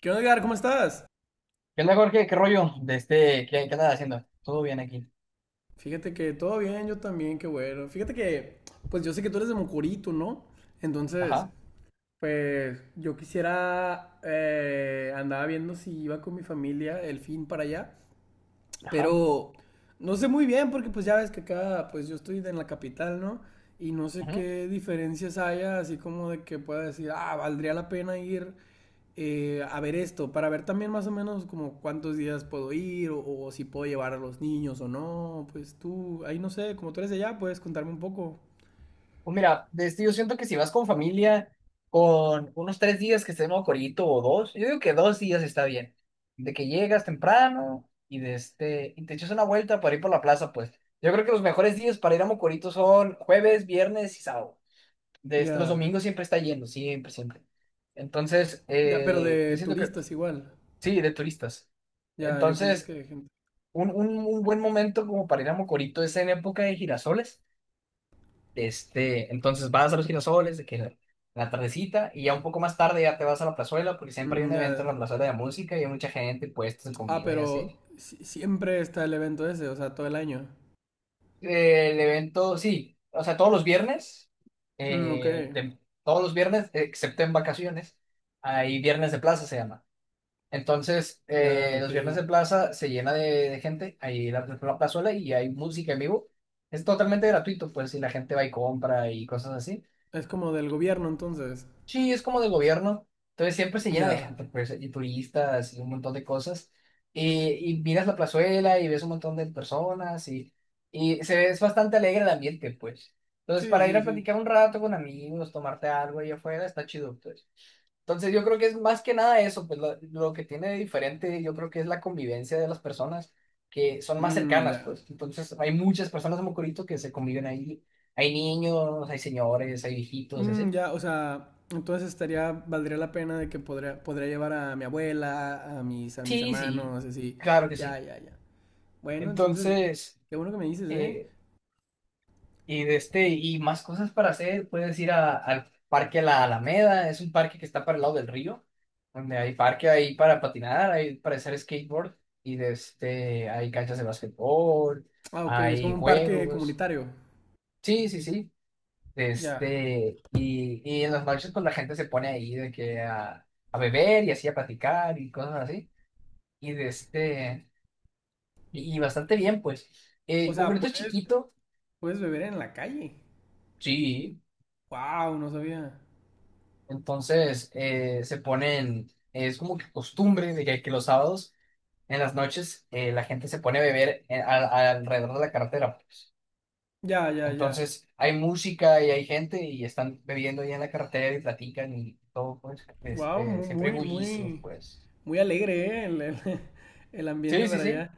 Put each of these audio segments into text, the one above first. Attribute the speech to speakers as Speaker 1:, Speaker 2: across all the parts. Speaker 1: ¿Qué onda, Edgar? ¿Cómo estás?
Speaker 2: ¿Qué onda, Jorge? ¿Qué rollo? ¿Qué andas haciendo? Todo bien aquí.
Speaker 1: Fíjate que todo bien, yo también, qué bueno. Fíjate que, pues yo sé que tú eres de Mocorito, ¿no? Entonces,
Speaker 2: Ajá,
Speaker 1: pues yo quisiera, andaba viendo si iba con mi familia el fin para allá.
Speaker 2: ajá,
Speaker 1: Pero no sé muy bien porque pues ya ves que acá pues yo estoy en la capital, ¿no? Y no sé
Speaker 2: ajá.
Speaker 1: qué diferencias haya, así como de que pueda decir, ah, valdría la pena ir a ver esto, para ver también más o menos como cuántos días puedo ir o si puedo llevar a los niños o no. Pues tú, ahí no sé, como tú eres de allá, puedes contarme un poco.
Speaker 2: Pues mira, yo siento que si vas con familia, con unos 3 días que estén en corito o dos, yo digo que 2 días está bien. De que llegas temprano y y te echas una vuelta para ir por la plaza, pues. Yo creo que los mejores días para ir a Mocorito son jueves, viernes y sábado. Los
Speaker 1: Ya,
Speaker 2: domingos siempre está yendo, siempre, siempre. Entonces,
Speaker 1: ya, pero
Speaker 2: yo
Speaker 1: de
Speaker 2: siento que,
Speaker 1: turistas igual.
Speaker 2: sí, de turistas.
Speaker 1: Ya, yo pensé que
Speaker 2: Entonces,
Speaker 1: de gente.
Speaker 2: un buen momento como para ir a Mocorito es en época de girasoles. Entonces vas a los girasoles, de que la tardecita, y ya un poco más tarde ya te vas a la plazuela, porque siempre hay un
Speaker 1: Mm,
Speaker 2: evento
Speaker 1: ya.
Speaker 2: en la plazuela de música y hay mucha gente, puestos de
Speaker 1: Ah,
Speaker 2: comida y
Speaker 1: pero
Speaker 2: así.
Speaker 1: siempre está el evento ese, o sea, todo el año.
Speaker 2: El evento, sí, o sea, todos los viernes,
Speaker 1: Mm, ok.
Speaker 2: todos los viernes, excepto en vacaciones, hay viernes de plaza, se llama. Entonces,
Speaker 1: Ya, ok.
Speaker 2: los viernes de plaza se llena de gente, ahí la plazuela y hay música en vivo. Es totalmente gratuito, pues, si la gente va y compra y cosas así.
Speaker 1: Es como del gobierno entonces.
Speaker 2: Sí, es como de gobierno. Entonces, siempre se llena de
Speaker 1: Ya.
Speaker 2: gente, pues, y turistas y un montón de cosas. Y miras la plazuela y ves un montón de personas y se ve, es bastante alegre el ambiente, pues. Entonces,
Speaker 1: Sí,
Speaker 2: para ir
Speaker 1: sí,
Speaker 2: a
Speaker 1: sí.
Speaker 2: platicar un rato con amigos, tomarte algo ahí afuera, está chido, pues. Entonces yo creo que es más que nada eso, pues lo que tiene de diferente yo creo que es la convivencia de las personas que son más
Speaker 1: Mm,
Speaker 2: cercanas,
Speaker 1: ya.
Speaker 2: pues entonces hay muchas personas de Mocorito que se conviven ahí, hay niños, hay señores, hay viejitos y
Speaker 1: Mm,
Speaker 2: así.
Speaker 1: ya, o sea, entonces estaría, valdría la pena de que podría, llevar a mi abuela, a mis
Speaker 2: Sí, sí,
Speaker 1: hermanos, así.
Speaker 2: claro que
Speaker 1: Ya,
Speaker 2: sí.
Speaker 1: ya, ya. Bueno, entonces,
Speaker 2: Entonces,
Speaker 1: qué bueno que me dices, ¿eh?
Speaker 2: eh, Y más cosas para hacer, puedes ir al parque La Alameda, es un parque que está para el lado del río, donde hay parque ahí para patinar, hay para hacer skateboard, y hay canchas de basquetbol,
Speaker 1: Ah, ok, es
Speaker 2: hay
Speaker 1: como un parque
Speaker 2: juegos.
Speaker 1: comunitario.
Speaker 2: Sí, sí, sí. de
Speaker 1: Ya.
Speaker 2: este, y, y en las noches pues la gente se pone ahí de que a beber y así a platicar y cosas así, y de este, y bastante bien pues,
Speaker 1: O sea,
Speaker 2: Mocorito es chiquito,
Speaker 1: puedes beber en la calle.
Speaker 2: sí.
Speaker 1: Wow, no sabía.
Speaker 2: Entonces se ponen, es como que costumbre de que los sábados en las noches la gente se pone a beber alrededor de la carretera.
Speaker 1: Ya, ya, ya.
Speaker 2: Entonces hay música y hay gente y están bebiendo ahí en la carretera y platican y todo, pues,
Speaker 1: Wow, muy,
Speaker 2: siempre hay
Speaker 1: muy,
Speaker 2: bullicio,
Speaker 1: muy,
Speaker 2: pues.
Speaker 1: muy alegre, ¿eh? El ambiente
Speaker 2: Sí, sí,
Speaker 1: para
Speaker 2: sí,
Speaker 1: allá.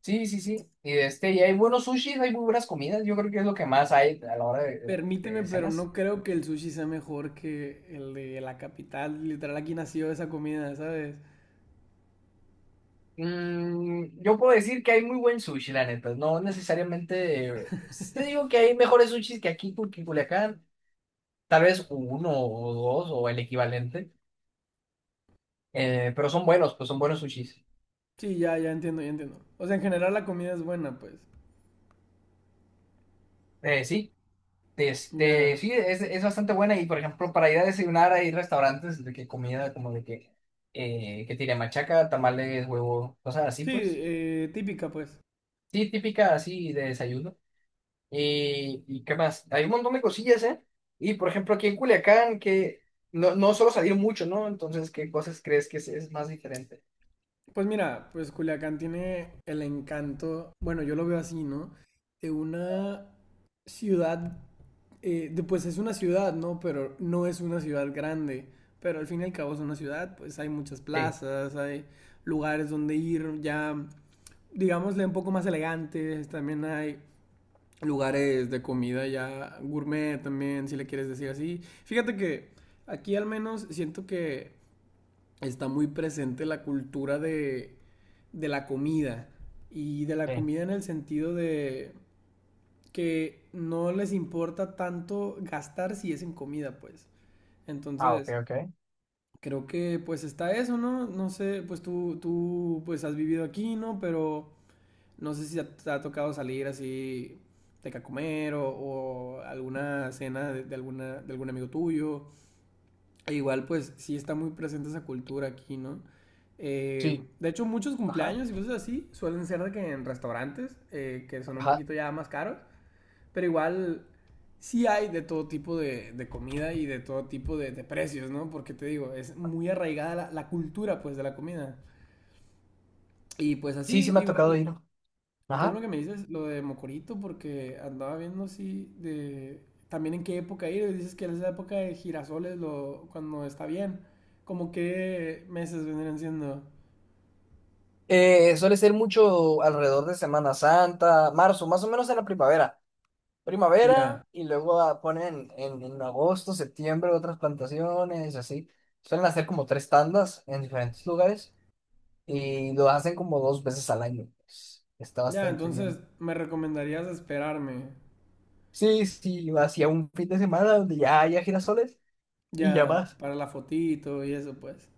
Speaker 2: sí, sí, sí. Y y hay buenos sushis, hay muy buenas comidas, yo creo que es lo que más hay a la hora
Speaker 1: Permíteme,
Speaker 2: de
Speaker 1: pero
Speaker 2: cenas.
Speaker 1: no creo que el sushi sea mejor que el de la capital. Literal, aquí nació esa comida, ¿sabes?
Speaker 2: Yo puedo decir que hay muy buen sushi, la neta. No necesariamente. Yo digo que hay mejores sushis que aquí, porque en Culiacán, tal vez uno o dos o el equivalente. Pero son buenos, pues son buenos sushis.
Speaker 1: Sí, ya, ya entiendo, ya entiendo. O sea, en general la comida es buena, pues.
Speaker 2: Sí,
Speaker 1: Ya.
Speaker 2: sí, es bastante buena. Y por ejemplo, para ir a desayunar hay restaurantes de que comida como que tiene machaca, tamales, huevo, cosas así,
Speaker 1: Sí,
Speaker 2: pues.
Speaker 1: típica, pues.
Speaker 2: Sí, típica así de desayuno. ¿Y qué más? Hay un montón de cosillas, ¿eh? Y por ejemplo, aquí en Culiacán, que no suelo salir mucho, ¿no? Entonces, ¿qué cosas crees que es más diferente?
Speaker 1: Pues mira, pues Culiacán tiene el encanto, bueno, yo lo veo así, ¿no? De una ciudad, pues es una ciudad, ¿no? Pero no es una ciudad grande. Pero al fin y al cabo es una ciudad, pues hay muchas
Speaker 2: Sí,
Speaker 1: plazas, hay lugares donde ir ya digámosle, un poco más elegantes. También hay lugares de comida ya gourmet también, si le quieres decir así. Fíjate que aquí al menos siento que está muy presente la cultura de la comida. Y de la
Speaker 2: sí.
Speaker 1: comida en el sentido de que no les importa tanto gastar si es en comida, pues.
Speaker 2: Ah, ok,
Speaker 1: Entonces,
Speaker 2: ok.
Speaker 1: creo que pues está eso, ¿no? No sé, pues tú pues has vivido aquí, ¿no? Pero no sé si te ha tocado salir así de que a comer o alguna cena de algún amigo tuyo. E igual, pues sí está muy presente esa cultura aquí, ¿no?
Speaker 2: Sí,
Speaker 1: De hecho, muchos
Speaker 2: ajá,
Speaker 1: cumpleaños y cosas así suelen ser de que en restaurantes, que son un
Speaker 2: ajá.
Speaker 1: poquito ya más caros, pero igual sí hay de todo tipo de comida y de todo tipo de precios, ¿no? Porque te digo, es muy arraigada la cultura, pues, de la comida. Y pues
Speaker 2: Sí, sí
Speaker 1: así,
Speaker 2: me ha tocado
Speaker 1: igual,
Speaker 2: ir.
Speaker 1: qué bueno
Speaker 2: Ajá.
Speaker 1: que me dices lo de Mocorito, porque andaba viendo así de también en qué época ir. Y dices que es la época de girasoles cuando está bien. Como qué meses vendrían siendo.
Speaker 2: Suele ser mucho alrededor de Semana Santa, marzo, más o menos en la primavera.
Speaker 1: Ya,
Speaker 2: Primavera y luego ponen en agosto, septiembre otras plantaciones, así. Suelen hacer como tres tandas en diferentes lugares. Y lo hacen como dos veces al año, pues. Está
Speaker 1: ya,
Speaker 2: bastante
Speaker 1: entonces
Speaker 2: bien.
Speaker 1: me recomendarías esperarme.
Speaker 2: Sí, sí, hacia un fin de semana donde ya haya girasoles y ya
Speaker 1: Ya,
Speaker 2: vas.
Speaker 1: para la fotito y eso, pues.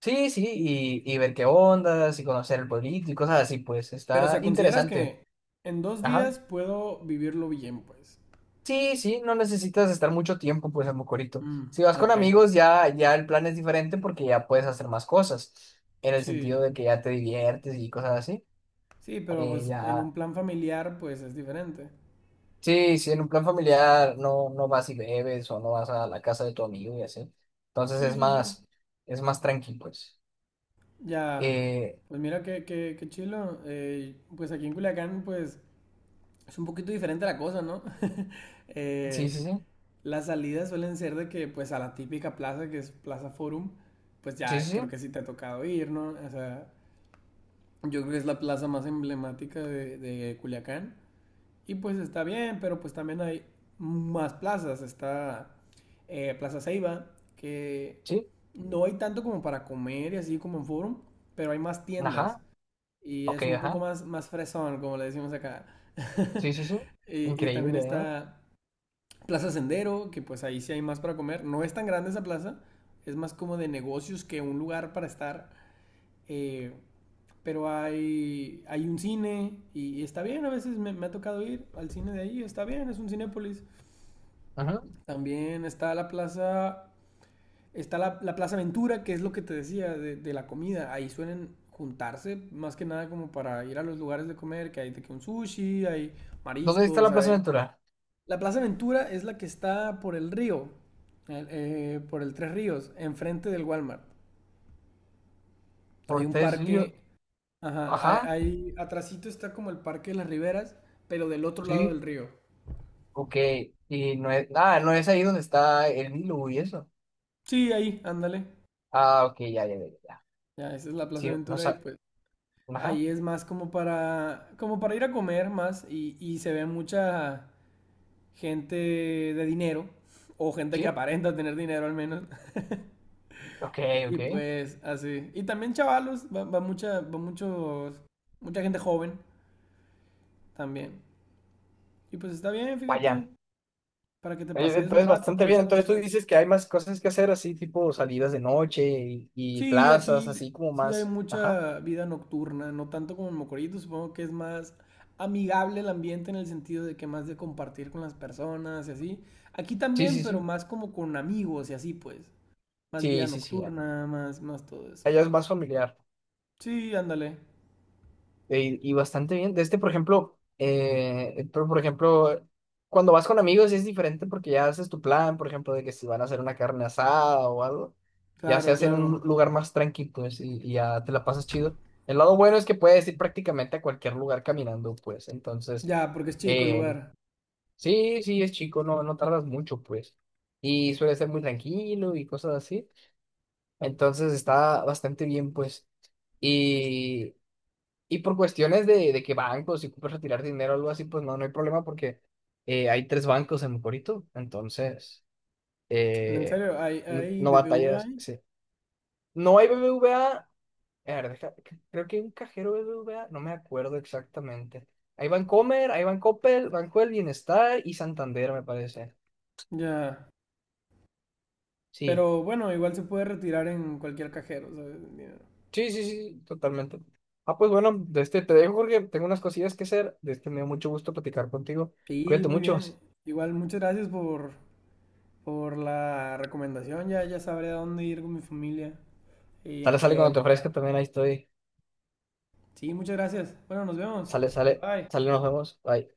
Speaker 2: Sí, sí, y ver qué ondas y conocer el pueblito y cosas así, pues
Speaker 1: Pero, o
Speaker 2: está
Speaker 1: sea, ¿consideras
Speaker 2: interesante.
Speaker 1: que en dos
Speaker 2: Ajá.
Speaker 1: días puedo vivirlo bien, pues?
Speaker 2: Sí, sí, no necesitas estar mucho tiempo, pues, en Mocorito.
Speaker 1: Mm,
Speaker 2: Si vas con
Speaker 1: ok.
Speaker 2: amigos, ya, ya el plan es diferente porque ya puedes hacer más cosas, en el sentido
Speaker 1: Sí.
Speaker 2: de que ya te diviertes y cosas así.
Speaker 1: Sí, pero pues en
Speaker 2: Ya.
Speaker 1: un plan familiar, pues es diferente.
Speaker 2: Sí, si en un plan familiar no vas y bebes o no vas a la casa de tu amigo y así. Entonces
Speaker 1: Sí, sí, sí.
Speaker 2: es más tranqui, pues.
Speaker 1: Ya,
Speaker 2: Eh,
Speaker 1: pues mira qué chilo. Pues aquí en Culiacán, pues es un poquito diferente la cosa, ¿no?
Speaker 2: sí,
Speaker 1: Eh,
Speaker 2: sí, sí,
Speaker 1: las salidas suelen ser de que, pues a la típica plaza que es Plaza Forum, pues
Speaker 2: sí, sí,
Speaker 1: ya creo
Speaker 2: sí,
Speaker 1: que sí te ha tocado ir, ¿no? O sea, yo creo que es la plaza más emblemática de Culiacán. Y pues está bien, pero pues también hay más plazas. Está Plaza Ceiba, que
Speaker 2: sí,
Speaker 1: no hay tanto como para comer y así como en Forum, pero hay más tiendas
Speaker 2: ajá,
Speaker 1: y
Speaker 2: ok,
Speaker 1: es un poco
Speaker 2: ajá,
Speaker 1: más fresón, como le decimos acá.
Speaker 2: sí, sí, sí,
Speaker 1: Y también
Speaker 2: increíble, ¿eh?
Speaker 1: está Plaza Sendero, que pues ahí sí hay más para comer. No es tan grande esa plaza, es más como de negocios que un lugar para estar. eh, pero hay un cine y está bien, a veces me ha tocado ir al cine de ahí, está bien, es un Cinépolis.
Speaker 2: Ajá.
Speaker 1: También está la plaza Está la Plaza Ventura, que es lo que te decía de la comida. Ahí suelen juntarse más que nada como para ir a los lugares de comer, que hay de que un sushi, hay
Speaker 2: ¿Dónde está
Speaker 1: mariscos,
Speaker 2: la Plaza
Speaker 1: hay...
Speaker 2: Ventura?
Speaker 1: La Plaza Ventura es la que está por el río, por el Tres Ríos, enfrente del Walmart. Hay
Speaker 2: Por
Speaker 1: un
Speaker 2: tres
Speaker 1: parque, ajá,
Speaker 2: ajá,
Speaker 1: atrasito está como el Parque de las Riberas, pero del otro lado
Speaker 2: sí,
Speaker 1: del río.
Speaker 2: ok, y no es ahí donde está el Nilo y eso.
Speaker 1: Sí, ahí, ándale.
Speaker 2: Ah, ok, ya, ya, ya, ya,
Speaker 1: Ya, esa es la Plaza
Speaker 2: sí, no
Speaker 1: Ventura y
Speaker 2: sa-
Speaker 1: pues
Speaker 2: ajá,
Speaker 1: ahí es más como para, ir a comer más y se ve mucha gente de dinero o gente que
Speaker 2: sí,
Speaker 1: aparenta tener dinero al menos.
Speaker 2: ok,
Speaker 1: Y
Speaker 2: ok,
Speaker 1: pues así. Y también chavalos, va, va mucha, va muchos, mucha gente joven también. Y pues está bien, fíjate,
Speaker 2: vaya.
Speaker 1: para que te
Speaker 2: Oye,
Speaker 1: pases un
Speaker 2: entonces,
Speaker 1: rato
Speaker 2: bastante bien.
Speaker 1: aprovechando que
Speaker 2: Entonces, tú
Speaker 1: estás aquí.
Speaker 2: dices que hay más cosas que hacer, así tipo salidas de noche y
Speaker 1: Sí,
Speaker 2: plazas,
Speaker 1: aquí
Speaker 2: así como
Speaker 1: sí hay
Speaker 2: más. Ajá.
Speaker 1: mucha vida nocturna, no tanto como en Mocorito, supongo que es más amigable el ambiente en el sentido de que más de compartir con las personas y así. Aquí
Speaker 2: Sí,
Speaker 1: también,
Speaker 2: sí,
Speaker 1: pero
Speaker 2: sí.
Speaker 1: más como con amigos y así, pues. Más vida
Speaker 2: Sí, sí, sí. Ya.
Speaker 1: nocturna, más todo eso.
Speaker 2: Allá es más familiar.
Speaker 1: Sí, ándale.
Speaker 2: Y, bastante bien. Por ejemplo, pero, por ejemplo, cuando vas con amigos es diferente porque ya haces tu plan, por ejemplo, de que si van a hacer una carne asada o algo, ya se
Speaker 1: Claro,
Speaker 2: hace en
Speaker 1: claro.
Speaker 2: un lugar más tranquilo, pues, y ya te la pasas chido. El lado bueno es que puedes ir prácticamente a cualquier lugar caminando, pues. Entonces.
Speaker 1: Ya, porque es chico el
Speaker 2: eh,
Speaker 1: lugar.
Speaker 2: Sí sí, es chico, no tardas mucho, pues. Y suele ser muy tranquilo y cosas así. Entonces está bastante bien, pues. Y, y por cuestiones de que bancos, si puedes retirar dinero o algo así, pues no hay problema porque hay tres bancos en Mocorito. Entonces,
Speaker 1: En
Speaker 2: eh,
Speaker 1: serio, hay
Speaker 2: no
Speaker 1: BBV
Speaker 2: batallas.
Speaker 1: ahí.
Speaker 2: Sí. No hay BBVA. A ver, creo que hay un cajero BBVA, no me acuerdo exactamente. Hay Bancomer, hay Bancoppel, Banco del Bienestar y Santander, me parece.
Speaker 1: Ya.
Speaker 2: Sí.
Speaker 1: Pero bueno, igual se puede retirar en cualquier cajero, ¿sabes? El dinero.
Speaker 2: Sí, sí, sí, totalmente. Ah, pues bueno, de este te dejo, Jorge. Tengo unas cosillas que hacer. De este me dio mucho gusto platicar contigo.
Speaker 1: Sí,
Speaker 2: Cuídate
Speaker 1: muy
Speaker 2: mucho.
Speaker 1: bien. Igual, muchas gracias por la recomendación, ya, ya sabré a dónde ir con mi familia y en
Speaker 2: Sale, sale
Speaker 1: qué
Speaker 2: cuando te
Speaker 1: época.
Speaker 2: ofrezca también. Ahí estoy.
Speaker 1: Sí, muchas gracias. Bueno, nos vemos.
Speaker 2: Sale, sale,
Speaker 1: Bye.
Speaker 2: sale, nos vemos. Bye.